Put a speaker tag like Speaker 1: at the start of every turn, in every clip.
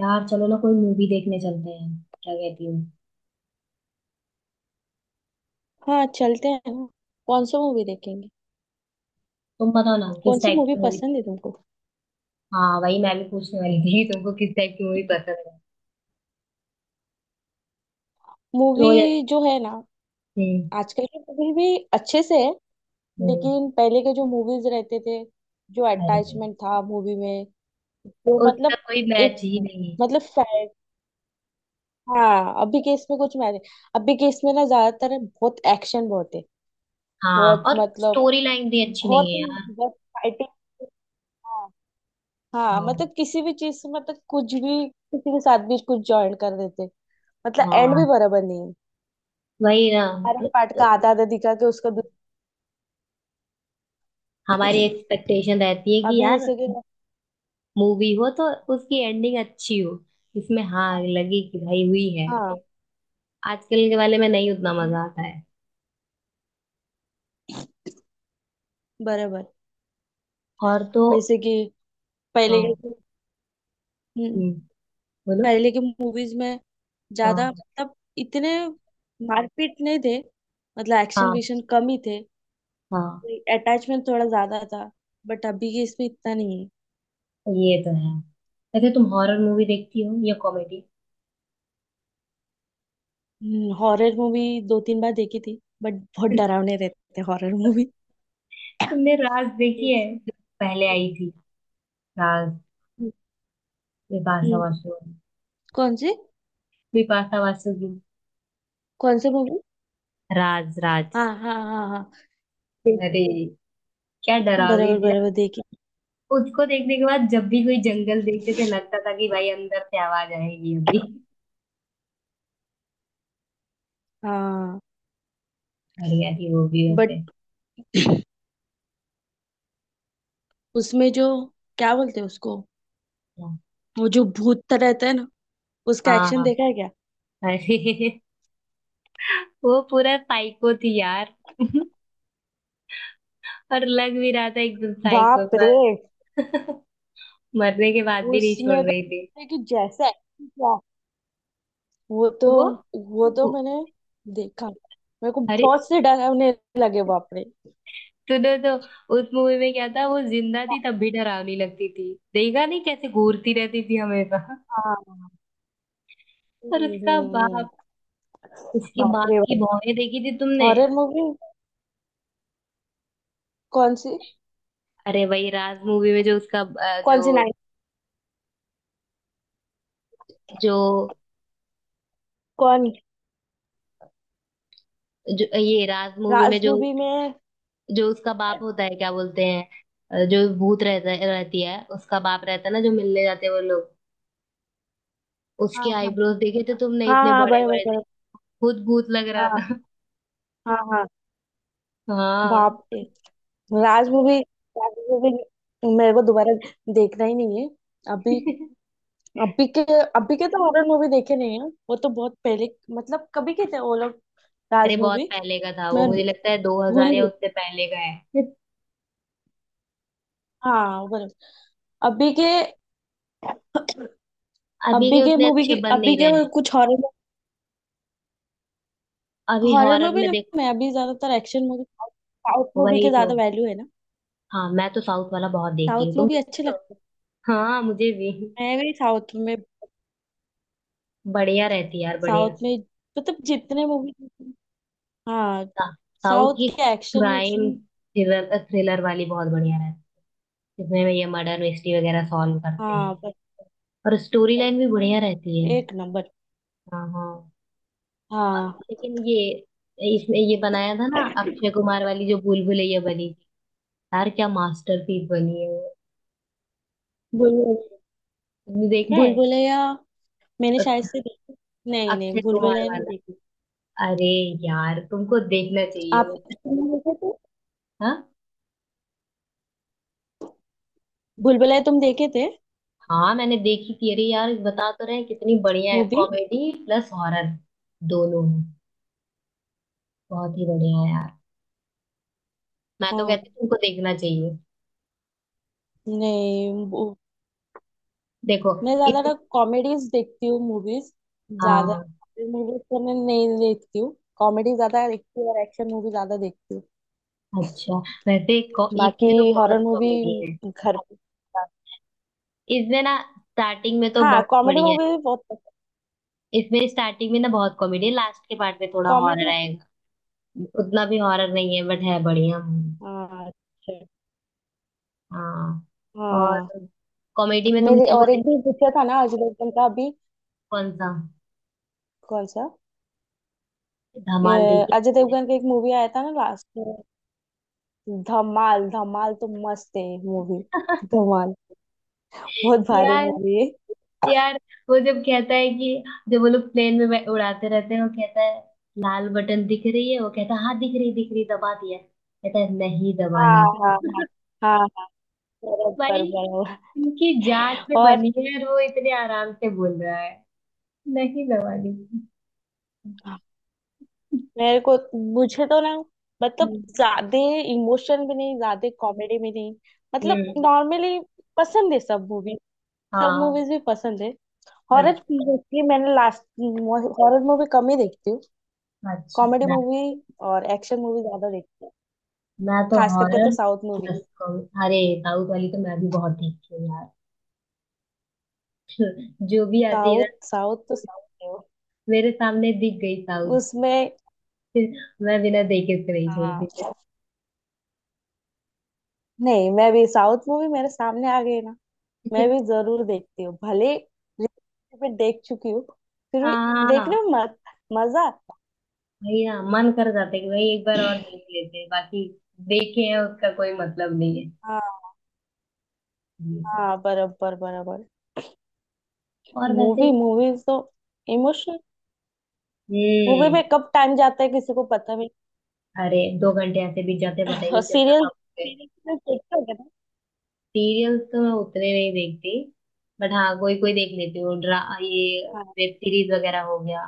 Speaker 1: यार चलो ना, कोई मूवी देखने चलते हैं। क्या कहती हूँ?
Speaker 2: हाँ चलते हैं ना। कौन सा मूवी देखेंगे?
Speaker 1: तुम बताओ ना,
Speaker 2: कौन
Speaker 1: किस
Speaker 2: सी
Speaker 1: टाइप
Speaker 2: मूवी
Speaker 1: की मूवी?
Speaker 2: पसंद है तुमको?
Speaker 1: हाँ, वही मैं भी पूछने वाली थी, तुमको किस टाइप की मूवी पसंद है?
Speaker 2: मूवी
Speaker 1: तो जैसे
Speaker 2: जो है ना।
Speaker 1: हम्म,
Speaker 2: आजकल की मूवी भी अच्छे से है।
Speaker 1: हम्म,
Speaker 2: लेकिन पहले के जो मूवीज रहते थे, जो
Speaker 1: अरे,
Speaker 2: अटैचमेंट था मूवी में वो
Speaker 1: उसका
Speaker 2: मतलब
Speaker 1: कोई मैच
Speaker 2: एक
Speaker 1: ही नहीं है।
Speaker 2: मतलब हाँ, अभी के इसमें कुछ मैंने अभी के इसमें ना ज्यादातर बहुत एक्शन बहुत है।
Speaker 1: हाँ,
Speaker 2: बहुत
Speaker 1: और
Speaker 2: मतलब
Speaker 1: स्टोरी लाइन भी अच्छी
Speaker 2: बहुत
Speaker 1: नहीं है यार।
Speaker 2: बहुत फाइटिंग। हाँ
Speaker 1: हाँ
Speaker 2: मतलब किसी भी चीज से मतलब कुछ भी किसी के साथ भी कुछ ज्वाइन कर देते। मतलब एंड भी
Speaker 1: हाँ,
Speaker 2: बराबर नहीं है।
Speaker 1: वही ना।
Speaker 2: हर एक
Speaker 1: तो,
Speaker 2: पार्ट का
Speaker 1: तो
Speaker 2: आधा आधा दिखा के
Speaker 1: हमारी एक्सपेक्टेशन रहती है कि
Speaker 2: अभी
Speaker 1: यार
Speaker 2: जैसे कि
Speaker 1: मूवी हो तो उसकी एंडिंग अच्छी हो। इसमें हाँ
Speaker 2: हाँ
Speaker 1: लगी कि भाई हुई है।
Speaker 2: हाँ
Speaker 1: आजकल के वाले में नहीं उतना
Speaker 2: हम्म,
Speaker 1: मजा आता है।
Speaker 2: बराबर।
Speaker 1: और तो
Speaker 2: जैसे कि पहले
Speaker 1: हाँ।
Speaker 2: के। हम्म,
Speaker 1: हम्म। बोलो।
Speaker 2: पहले के मूवीज में ज्यादा
Speaker 1: हाँ,
Speaker 2: मतलब इतने मारपीट नहीं थे। मतलब एक्शन
Speaker 1: हाँ,
Speaker 2: विक्शन कम ही थे।
Speaker 1: हाँ।
Speaker 2: अटैचमेंट थोड़ा ज्यादा था। बट अभी के इसमें इतना नहीं।
Speaker 1: ये तो है। वैसे तुम हॉरर मूवी देखती हो या कॉमेडी?
Speaker 2: है हॉरर मूवी। 2-3 बार देखी थी बट बहुत डरावने रहते हैं हॉरर मूवी।
Speaker 1: तुमने राज देखी है? पहले
Speaker 2: हम्म,
Speaker 1: आई थी, राज, बिपाशा बासु,
Speaker 2: कौन सी?
Speaker 1: बिपाशा बासु की।
Speaker 2: कौन सी मूवी?
Speaker 1: राज,
Speaker 2: हाँ
Speaker 1: राज।
Speaker 2: हाँ हाँ हाँ, देखी।
Speaker 1: अरे, क्या डरावनी
Speaker 2: बराबर
Speaker 1: थी ना।
Speaker 2: बराबर देखी।
Speaker 1: उसको देखने के बाद जब भी कोई जंगल देखते थे, लगता था कि भाई अंदर से आवाज आएगी अभी।
Speaker 2: हाँ।
Speaker 1: बढ़िया थी वो भी वैसे।
Speaker 2: बट उसमें जो क्या बोलते हैं उसको,
Speaker 1: हाँ,
Speaker 2: वो जो भूत तरह रहता है ना, उसका
Speaker 1: हाँ,
Speaker 2: एक्शन
Speaker 1: हाँ।
Speaker 2: देखा है क्या?
Speaker 1: अरे वो पूरा साइको थी यार। और लग भी रहा था एकदम साइको
Speaker 2: बाप रे।
Speaker 1: पर। मरने के बाद भी नहीं छोड़
Speaker 2: उसमें तो
Speaker 1: रही थी।
Speaker 2: लगता है कि जैसा action किया, वो
Speaker 1: तो
Speaker 2: तो
Speaker 1: वो,
Speaker 2: वो तो
Speaker 1: वो
Speaker 2: मैंने देखा, मेरे को
Speaker 1: अरे
Speaker 2: बहुत से डरावने लगे। बाप रे।
Speaker 1: तूने तो, उस मूवी में क्या था, वो जिंदा थी तब भी डरावनी लगती थी, देखा नहीं कैसे घूरती रहती थी हमेशा।
Speaker 2: हाँ
Speaker 1: और
Speaker 2: हम्म
Speaker 1: उसका
Speaker 2: हम्म,
Speaker 1: बाप, उसकी
Speaker 2: बाप
Speaker 1: बाप
Speaker 2: रे
Speaker 1: की
Speaker 2: बाप।
Speaker 1: भौहें देखी थी तुमने?
Speaker 2: हॉरर मूवी कौन सी?
Speaker 1: अरे वही राज मूवी में जो उसका जो
Speaker 2: कौन सी नाइट?
Speaker 1: जो
Speaker 2: कौन?
Speaker 1: जो ये राज मूवी में
Speaker 2: राज
Speaker 1: जो,
Speaker 2: मूवी में
Speaker 1: जो उसका बाप होता है, क्या बोलते हैं, जो भूत रहता रहती है उसका बाप रहता है ना, जो मिलने जाते हैं वो लोग। उसके
Speaker 2: हाँ हाँ
Speaker 1: आईब्रोज देखे थे तुमने,
Speaker 2: हाँ
Speaker 1: इतने
Speaker 2: हाँ,
Speaker 1: बड़े
Speaker 2: बराबर
Speaker 1: बड़े थे।
Speaker 2: बराबर।
Speaker 1: खुद भूत लग रहा
Speaker 2: हाँ
Speaker 1: था।
Speaker 2: हाँ हाँ।
Speaker 1: हाँ।
Speaker 2: बाप रे। राज मूवी। राज मूवी। मेरे को दोबारा देखना ही नहीं है। अभी अभी के अभी के तो हॉरर मूवी देखे नहीं है, वो तो बहुत पहले मतलब कभी के थे वो लोग।
Speaker 1: अरे
Speaker 2: राज
Speaker 1: बहुत
Speaker 2: मूवी।
Speaker 1: पहले का था वो,
Speaker 2: मैं
Speaker 1: मुझे लगता है दो
Speaker 2: भूल
Speaker 1: हजार
Speaker 2: ही
Speaker 1: या
Speaker 2: गई।
Speaker 1: उससे पहले का है।
Speaker 2: हाँ बराबर। अभी के
Speaker 1: अभी के
Speaker 2: अभी के
Speaker 1: उतने
Speaker 2: मूवी की
Speaker 1: अच्छे बन नहीं
Speaker 2: अभी के
Speaker 1: रहे हैं।
Speaker 2: कुछ हॉरर।
Speaker 1: अभी
Speaker 2: हॉरर
Speaker 1: हॉरर
Speaker 2: मूवी
Speaker 1: में
Speaker 2: ना
Speaker 1: देखो,
Speaker 2: मैं अभी ज्यादातर एक्शन मूवी साउथ मूवी
Speaker 1: वही
Speaker 2: के
Speaker 1: तो।
Speaker 2: ज्यादा वैल्यू है ना।
Speaker 1: हाँ, मैं तो साउथ वाला बहुत देखती हूँ,
Speaker 2: साउथ
Speaker 1: तुम
Speaker 2: मूवी अच्छे
Speaker 1: देखती हो?
Speaker 2: लगते हैं।
Speaker 1: हाँ, मुझे भी
Speaker 2: मैं गई साउथ में।
Speaker 1: बढ़िया रहती है यार, बढ़िया।
Speaker 2: साउथ में मतलब जितने मूवी हाँ
Speaker 1: सा- साउथ
Speaker 2: साउथ
Speaker 1: की
Speaker 2: के action
Speaker 1: crime
Speaker 2: fiction
Speaker 1: thriller, thriller वाली बहुत बढ़िया रहती है, जिसमें ये मर्डर मिस्ट्री वगैरह सॉल्व करते हैं।
Speaker 2: हाँ
Speaker 1: और स्टोरी लाइन भी बढ़िया रहती है।
Speaker 2: एक नंबर।
Speaker 1: हाँ, हाँ।
Speaker 2: हाँ।
Speaker 1: लेकिन ये इसमें ये बनाया था ना अक्षय कुमार वाली, जो भूल भुलैया बनी थी, यार क्या मास्टरपीस बनी है वो।
Speaker 2: बुलबुल
Speaker 1: तुमने देखा है?
Speaker 2: बुलबुलैया मैंने शायद
Speaker 1: अ-
Speaker 2: से देखी। नहीं
Speaker 1: अक्षय
Speaker 2: नहीं,
Speaker 1: कुमार
Speaker 2: बुलबुलैया नहीं
Speaker 1: वाला,
Speaker 2: देखी।
Speaker 1: अरे यार तुमको देखना चाहिए
Speaker 2: आप
Speaker 1: वो।
Speaker 2: तुमने देखे थे?
Speaker 1: हाँ,
Speaker 2: बुलबुलैया तुम देखे थे?
Speaker 1: हाँ मैंने देखी थी। अरे यार बता तो रहे हैं, कितनी बढ़िया है,
Speaker 2: मूवी।
Speaker 1: कॉमेडी प्लस हॉरर दोनों है। बहुत ही बढ़िया है यार, मैं तो
Speaker 2: हाँ।
Speaker 1: कहती हूँ तुमको देखना चाहिए।
Speaker 2: नहीं वो-
Speaker 1: देखो।
Speaker 2: मैं
Speaker 1: इत,
Speaker 2: ज्यादातर कॉमेडीज देखती हूँ मूवीज। ज्यादा
Speaker 1: हाँ,
Speaker 2: मूवीज तो मैं नहीं देखती हूँ, कॉमेडी ज्यादा देखती हूँ और एक्शन मूवी ज्यादा देखती हूँ।
Speaker 1: अच्छा।
Speaker 2: बाकी
Speaker 1: इसमें तो
Speaker 2: हॉरर
Speaker 1: बहुत
Speaker 2: मूवी
Speaker 1: कॉमेडी है।
Speaker 2: घर पे-
Speaker 1: इसमें ना स्टार्टिंग में तो
Speaker 2: हाँ
Speaker 1: बहुत
Speaker 2: कॉमेडी
Speaker 1: बढ़िया है।
Speaker 2: मूवी भी बहुत पसंद।
Speaker 1: इसमें स्टार्टिंग में ना बहुत कॉमेडी है, लास्ट के पार्ट में थोड़ा हॉरर
Speaker 2: कॉमेडी।
Speaker 1: आएगा। उतना भी हॉरर नहीं है, बट है बढ़िया मूवी।
Speaker 2: हाँ अच्छा।
Speaker 1: हाँ।
Speaker 2: हाँ।
Speaker 1: और कॉमेडी में
Speaker 2: मेरे
Speaker 1: तुमने वो
Speaker 2: और एक भी
Speaker 1: देखी,
Speaker 2: पूछा था ना अजय देवगन का अभी।
Speaker 1: कौन सा,
Speaker 2: कौन सा?
Speaker 1: धमाल
Speaker 2: ये
Speaker 1: देखी
Speaker 2: अजय
Speaker 1: तुमने?
Speaker 2: देवगन का एक मूवी आया था ना लास्ट में। धमाल, धमाल तो मस्त है मूवी। धमाल। बहुत भारी
Speaker 1: यार,
Speaker 2: मूवी है।
Speaker 1: यार, वो जब कहता है कि, जब वो लोग प्लेन में उड़ाते रहते हैं, वो कहता है लाल बटन दिख रही है, वो कहता है हाँ दिख रही दिख रही, दबा दिया, कहता है नहीं
Speaker 2: हाँ
Speaker 1: दबाना।
Speaker 2: हाँ हाँ हाँ हाँ, शरद
Speaker 1: भाई,
Speaker 2: पर बड़ा हुआ।
Speaker 1: उनकी जान पे
Speaker 2: और
Speaker 1: बनी है और वो इतने आराम से बोल रहा है, नहीं दबानी।
Speaker 2: मेरे को मुझे तो ना मतलब ज्यादा इमोशन भी नहीं ज्यादा कॉमेडी भी नहीं, मतलब
Speaker 1: हम्म।
Speaker 2: नॉर्मली पसंद है सब मूवी। सब
Speaker 1: हाँ।
Speaker 2: मूवीज भी पसंद है। हॉरर
Speaker 1: अ-
Speaker 2: मोस्टली मैंने लास्ट हॉरर मूवी कम ही देखती हूँ।
Speaker 1: अच्छा,
Speaker 2: कॉमेडी
Speaker 1: मैं
Speaker 2: मूवी और एक्शन मूवी ज्यादा देखती हूँ।
Speaker 1: मैं तो
Speaker 2: खास करके तो
Speaker 1: horror
Speaker 2: south movie.
Speaker 1: Plus comedy. अरे साउथ वाली तो मैं भी बहुत देखती हूँ यार। जो भी आती है ना
Speaker 2: साउथ साउथ तो साउथ है वो।
Speaker 1: मेरे सामने, दिख गई साउथ
Speaker 2: उसमें
Speaker 1: फिर मैं बिना देखे उसको नहीं छोड़ती फिर।
Speaker 2: हाँ। नहीं, मैं भी साउथ मूवी मेरे सामने आ गई ना मैं भी जरूर देखती हूँ, भले रिपीट पे देख चुकी हूँ। फिर भी देखने में
Speaker 1: हाँ,
Speaker 2: मत, मजा।
Speaker 1: भैया मन कर जाता है कि भाई एक बार और देख लेते हैं, बाकी देखे हैं उसका कोई मतलब नहीं है
Speaker 2: हाँ
Speaker 1: ये तो।
Speaker 2: हाँ, बराबर बराबर।
Speaker 1: और वैसे।
Speaker 2: मूवी मूवीज तो इमोशनल मूवी
Speaker 1: हम्म।
Speaker 2: में कब टाइम जाता है किसी को पता भी
Speaker 1: अरे दो घंटे ऐसे बीत जाते हैं, पता
Speaker 2: नहीं।
Speaker 1: ही
Speaker 2: और
Speaker 1: नहीं चलता
Speaker 2: सीरियल
Speaker 1: कब।
Speaker 2: सीरीज में देखते हो ना।
Speaker 1: सीरियल्स तो मैं उतने नहीं देखती, बट हाँ कोई कोई देख लेती हूँ, ड्रा ये,
Speaker 2: हाँ
Speaker 1: वेब सीरीज वगैरह हो गया,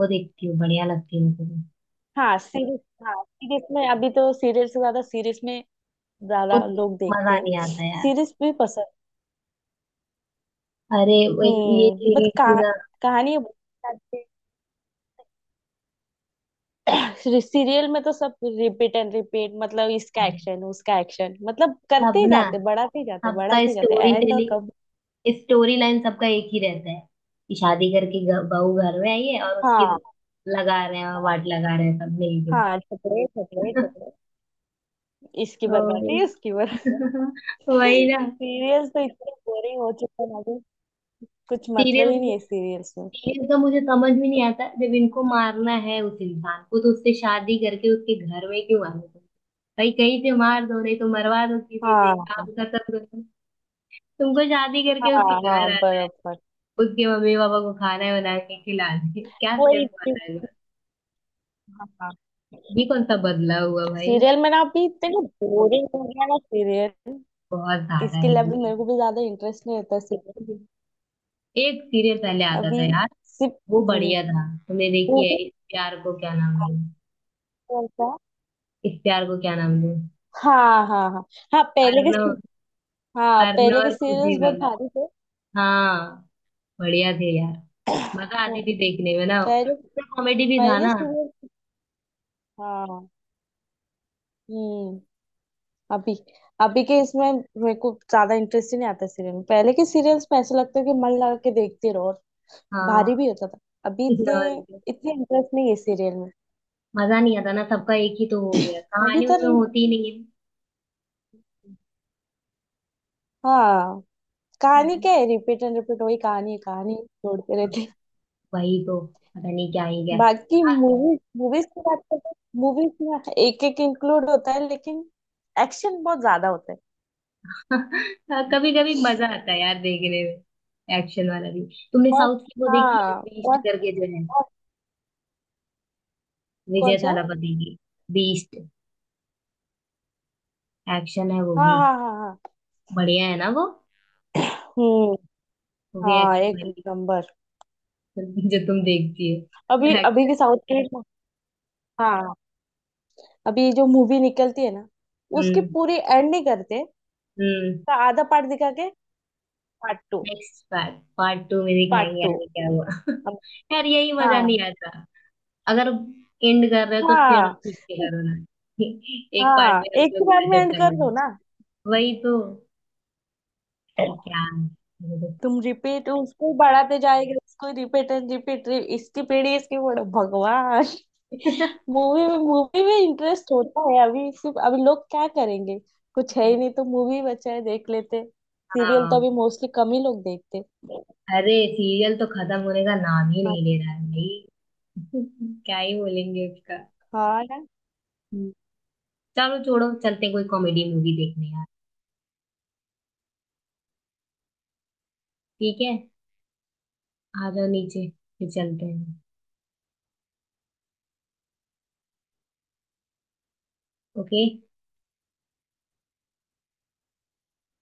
Speaker 1: वो देखती हूँ, बढ़िया लगती है मुझे।
Speaker 2: हाँ सीरीज। हाँ सीरीज में अभी तो सीरियल से ज्यादा सीरीज में
Speaker 1: वो
Speaker 2: ज्यादा लोग देखते
Speaker 1: मजा
Speaker 2: हैं।
Speaker 1: नहीं आता यार।
Speaker 2: सीरीज भी पसंद।
Speaker 1: अरे वो एक ये
Speaker 2: बट
Speaker 1: सीरीज थी ना।
Speaker 2: कहानी। सीरियल में तो सब रिपीट एंड रिपीट मतलब इसका
Speaker 1: अरे,
Speaker 2: एक्शन उसका एक्शन मतलब करते
Speaker 1: सब
Speaker 2: ही
Speaker 1: ना,
Speaker 2: जाते बढ़ाते ही जाते
Speaker 1: सबका
Speaker 2: बढ़ाते ही जाते
Speaker 1: स्टोरी
Speaker 2: एंड और कब।
Speaker 1: टेलिंग, स्टोरी लाइन सबका एक ही रहता है, कि शादी करके बहू घर में आई है और उसकी
Speaker 2: हाँ
Speaker 1: लगा रहे हैं,
Speaker 2: हाँ
Speaker 1: वाट लगा रहे हैं सब मिलके।
Speaker 2: हाँ, झगड़े झगड़े झगड़े इसकी
Speaker 1: तो वही
Speaker 2: बर्बादी उसकी बर्बादी।
Speaker 1: वही ना।
Speaker 2: सीरियल्स तो इतने बोरिंग हो चुके हैं अभी। कुछ
Speaker 1: सीरियल,
Speaker 2: मतलब ही नहीं है सीरियल्स में।
Speaker 1: ये तो मुझे समझ में नहीं आता, जब इनको मारना है उस इंसान को, तो उससे शादी करके उसके घर में क्यों आने तुम। भाई कहीं से मार दो, नहीं तो मरवा दो किसी से,
Speaker 2: हाँ हाँ
Speaker 1: काम खत्म करो। तुमको शादी करके उसके
Speaker 2: हाँ
Speaker 1: घर
Speaker 2: हाँ,
Speaker 1: आना है,
Speaker 2: बराबर।
Speaker 1: उसके मम्मी पापा को खाना बना के खिलाना है, क्या
Speaker 2: वही
Speaker 1: स्टेप
Speaker 2: चीज़,
Speaker 1: मारना है,
Speaker 2: हाँ हाँ।
Speaker 1: ये कौन सा बदला हुआ भाई।
Speaker 2: सीरियल में ना अभी इतने बोरिंग हो गया ना सीरियल।
Speaker 1: बहुत ज्यादा
Speaker 2: इसके
Speaker 1: ही
Speaker 2: लिए अभी मेरे
Speaker 1: हुआ।
Speaker 2: को भी ज्यादा इंटरेस्ट नहीं होता।
Speaker 1: एक सीरियल पहले आता
Speaker 2: अभी
Speaker 1: था यार,
Speaker 2: सिर्फ
Speaker 1: वो
Speaker 2: हम्म,
Speaker 1: बढ़िया था, तुमने
Speaker 2: वो
Speaker 1: देखी है
Speaker 2: भी
Speaker 1: इस प्यार को क्या नाम
Speaker 2: भारी
Speaker 1: दूं?
Speaker 2: होता।
Speaker 1: इस प्यार को क्या नाम दूं,
Speaker 2: हाँ हाँ हाँ हाँ पहले के
Speaker 1: अर्नव,
Speaker 2: से- हाँ
Speaker 1: अर्नव
Speaker 2: पहले के
Speaker 1: और खुशी
Speaker 2: सीरियल्स बहुत
Speaker 1: वाला।
Speaker 2: भारी थे।
Speaker 1: हाँ, बढ़िया थे यार, मजा
Speaker 2: हाँ,
Speaker 1: आती थी देखने में ना,
Speaker 2: पहले
Speaker 1: उसमें कॉमेडी भी था
Speaker 2: पहले
Speaker 1: ना।
Speaker 2: सीरियल हाँ हम्म। अभी अभी के इसमें मेरे को ज्यादा इंटरेस्ट ही नहीं आता सीरियल में। पहले के सीरियल्स में ऐसा लगता है कि मन लगा के देखते रहो और
Speaker 1: हाँ।
Speaker 2: भारी भी होता था। अभी इतने
Speaker 1: और क्या।
Speaker 2: इतने इंटरेस्ट नहीं है सीरियल में।
Speaker 1: मजा नहीं आता ना, सबका एक ही तो हो गया,
Speaker 2: अभी
Speaker 1: कहानी
Speaker 2: तो
Speaker 1: उनमें होती ही नहीं है।
Speaker 2: हाँ कहानी
Speaker 1: हम्म।
Speaker 2: क्या है? रिपीट एंड रिपीट वही कहानी है। कहानी छोड़ते रहते।
Speaker 1: वही तो, पता नहीं क्या ही क्या।
Speaker 2: बाकी मूवीज मूवीज की बात करते हैं। मूवीज में एक एक इंक्लूड होता है लेकिन एक्शन बहुत ज्यादा होता है।
Speaker 1: कभी कभी मजा आता है यार देखने में, एक्शन वाला भी। तुमने
Speaker 2: और
Speaker 1: साउथ की वो देखी है,
Speaker 2: हाँ
Speaker 1: बीस्ट
Speaker 2: और,
Speaker 1: करके जो है,
Speaker 2: और।
Speaker 1: विजय
Speaker 2: कौन सा?
Speaker 1: थालापति की, बीस्ट, एक्शन है वो
Speaker 2: हाँ
Speaker 1: भी।
Speaker 2: हाँ हाँ हाँ
Speaker 1: बढ़िया है ना वो
Speaker 2: हम्म।
Speaker 1: वो भी
Speaker 2: हाँ
Speaker 1: एक्शन
Speaker 2: एक
Speaker 1: वाली।
Speaker 2: नंबर।
Speaker 1: जो तुम देखती
Speaker 2: अभी
Speaker 1: हो
Speaker 2: अभी
Speaker 1: एक्शन।
Speaker 2: के साउथ के हाँ अभी जो मूवी निकलती है ना उसकी
Speaker 1: हम्म।
Speaker 2: पूरी एंड नहीं करते,
Speaker 1: हम्म।
Speaker 2: का आधा पार्ट दिखा के part 2।
Speaker 1: Next part, part two में
Speaker 2: पार्ट
Speaker 1: दिखाएंगे
Speaker 2: टू
Speaker 1: आगे क्या हुआ। यार यही मजा
Speaker 2: हाँ
Speaker 1: नहीं आता। अगर एंड कर रहे हो तो फिर
Speaker 2: हाँ,
Speaker 1: ठीक से करो ना। एक पार्ट
Speaker 2: हाँ
Speaker 1: में हम
Speaker 2: एक ही
Speaker 1: लोग
Speaker 2: बार में एंड
Speaker 1: सेटिस्फाई हो
Speaker 2: कर दो
Speaker 1: जाए।
Speaker 2: ना।
Speaker 1: वही तो, क्या।
Speaker 2: तुम रिपीट उसको बढ़ाते जाएगा उसको रिपीट एंड रिपीट। इसकी पीढ़ी इसकी बड़ो भगवान। मूवी में इंटरेस्ट होता है अभी सिर्फ। अभी लोग क्या करेंगे? कुछ है ही नहीं तो मूवी बचा है देख लेते। सीरियल तो अभी
Speaker 1: हाँ।
Speaker 2: मोस्टली कम ही लोग देखते।
Speaker 1: अरे सीरियल तो खत्म होने का नाम ही
Speaker 2: हाँ
Speaker 1: नहीं ले रहा है भाई। क्या ही बोलेंगे उसका।
Speaker 2: हाँ ना।
Speaker 1: हम्म, चलो छोड़ो, चलते हैं कोई कॉमेडी मूवी देखने यार। ठीक है, आ जाओ नीचे, फिर चलते हैं। ओके।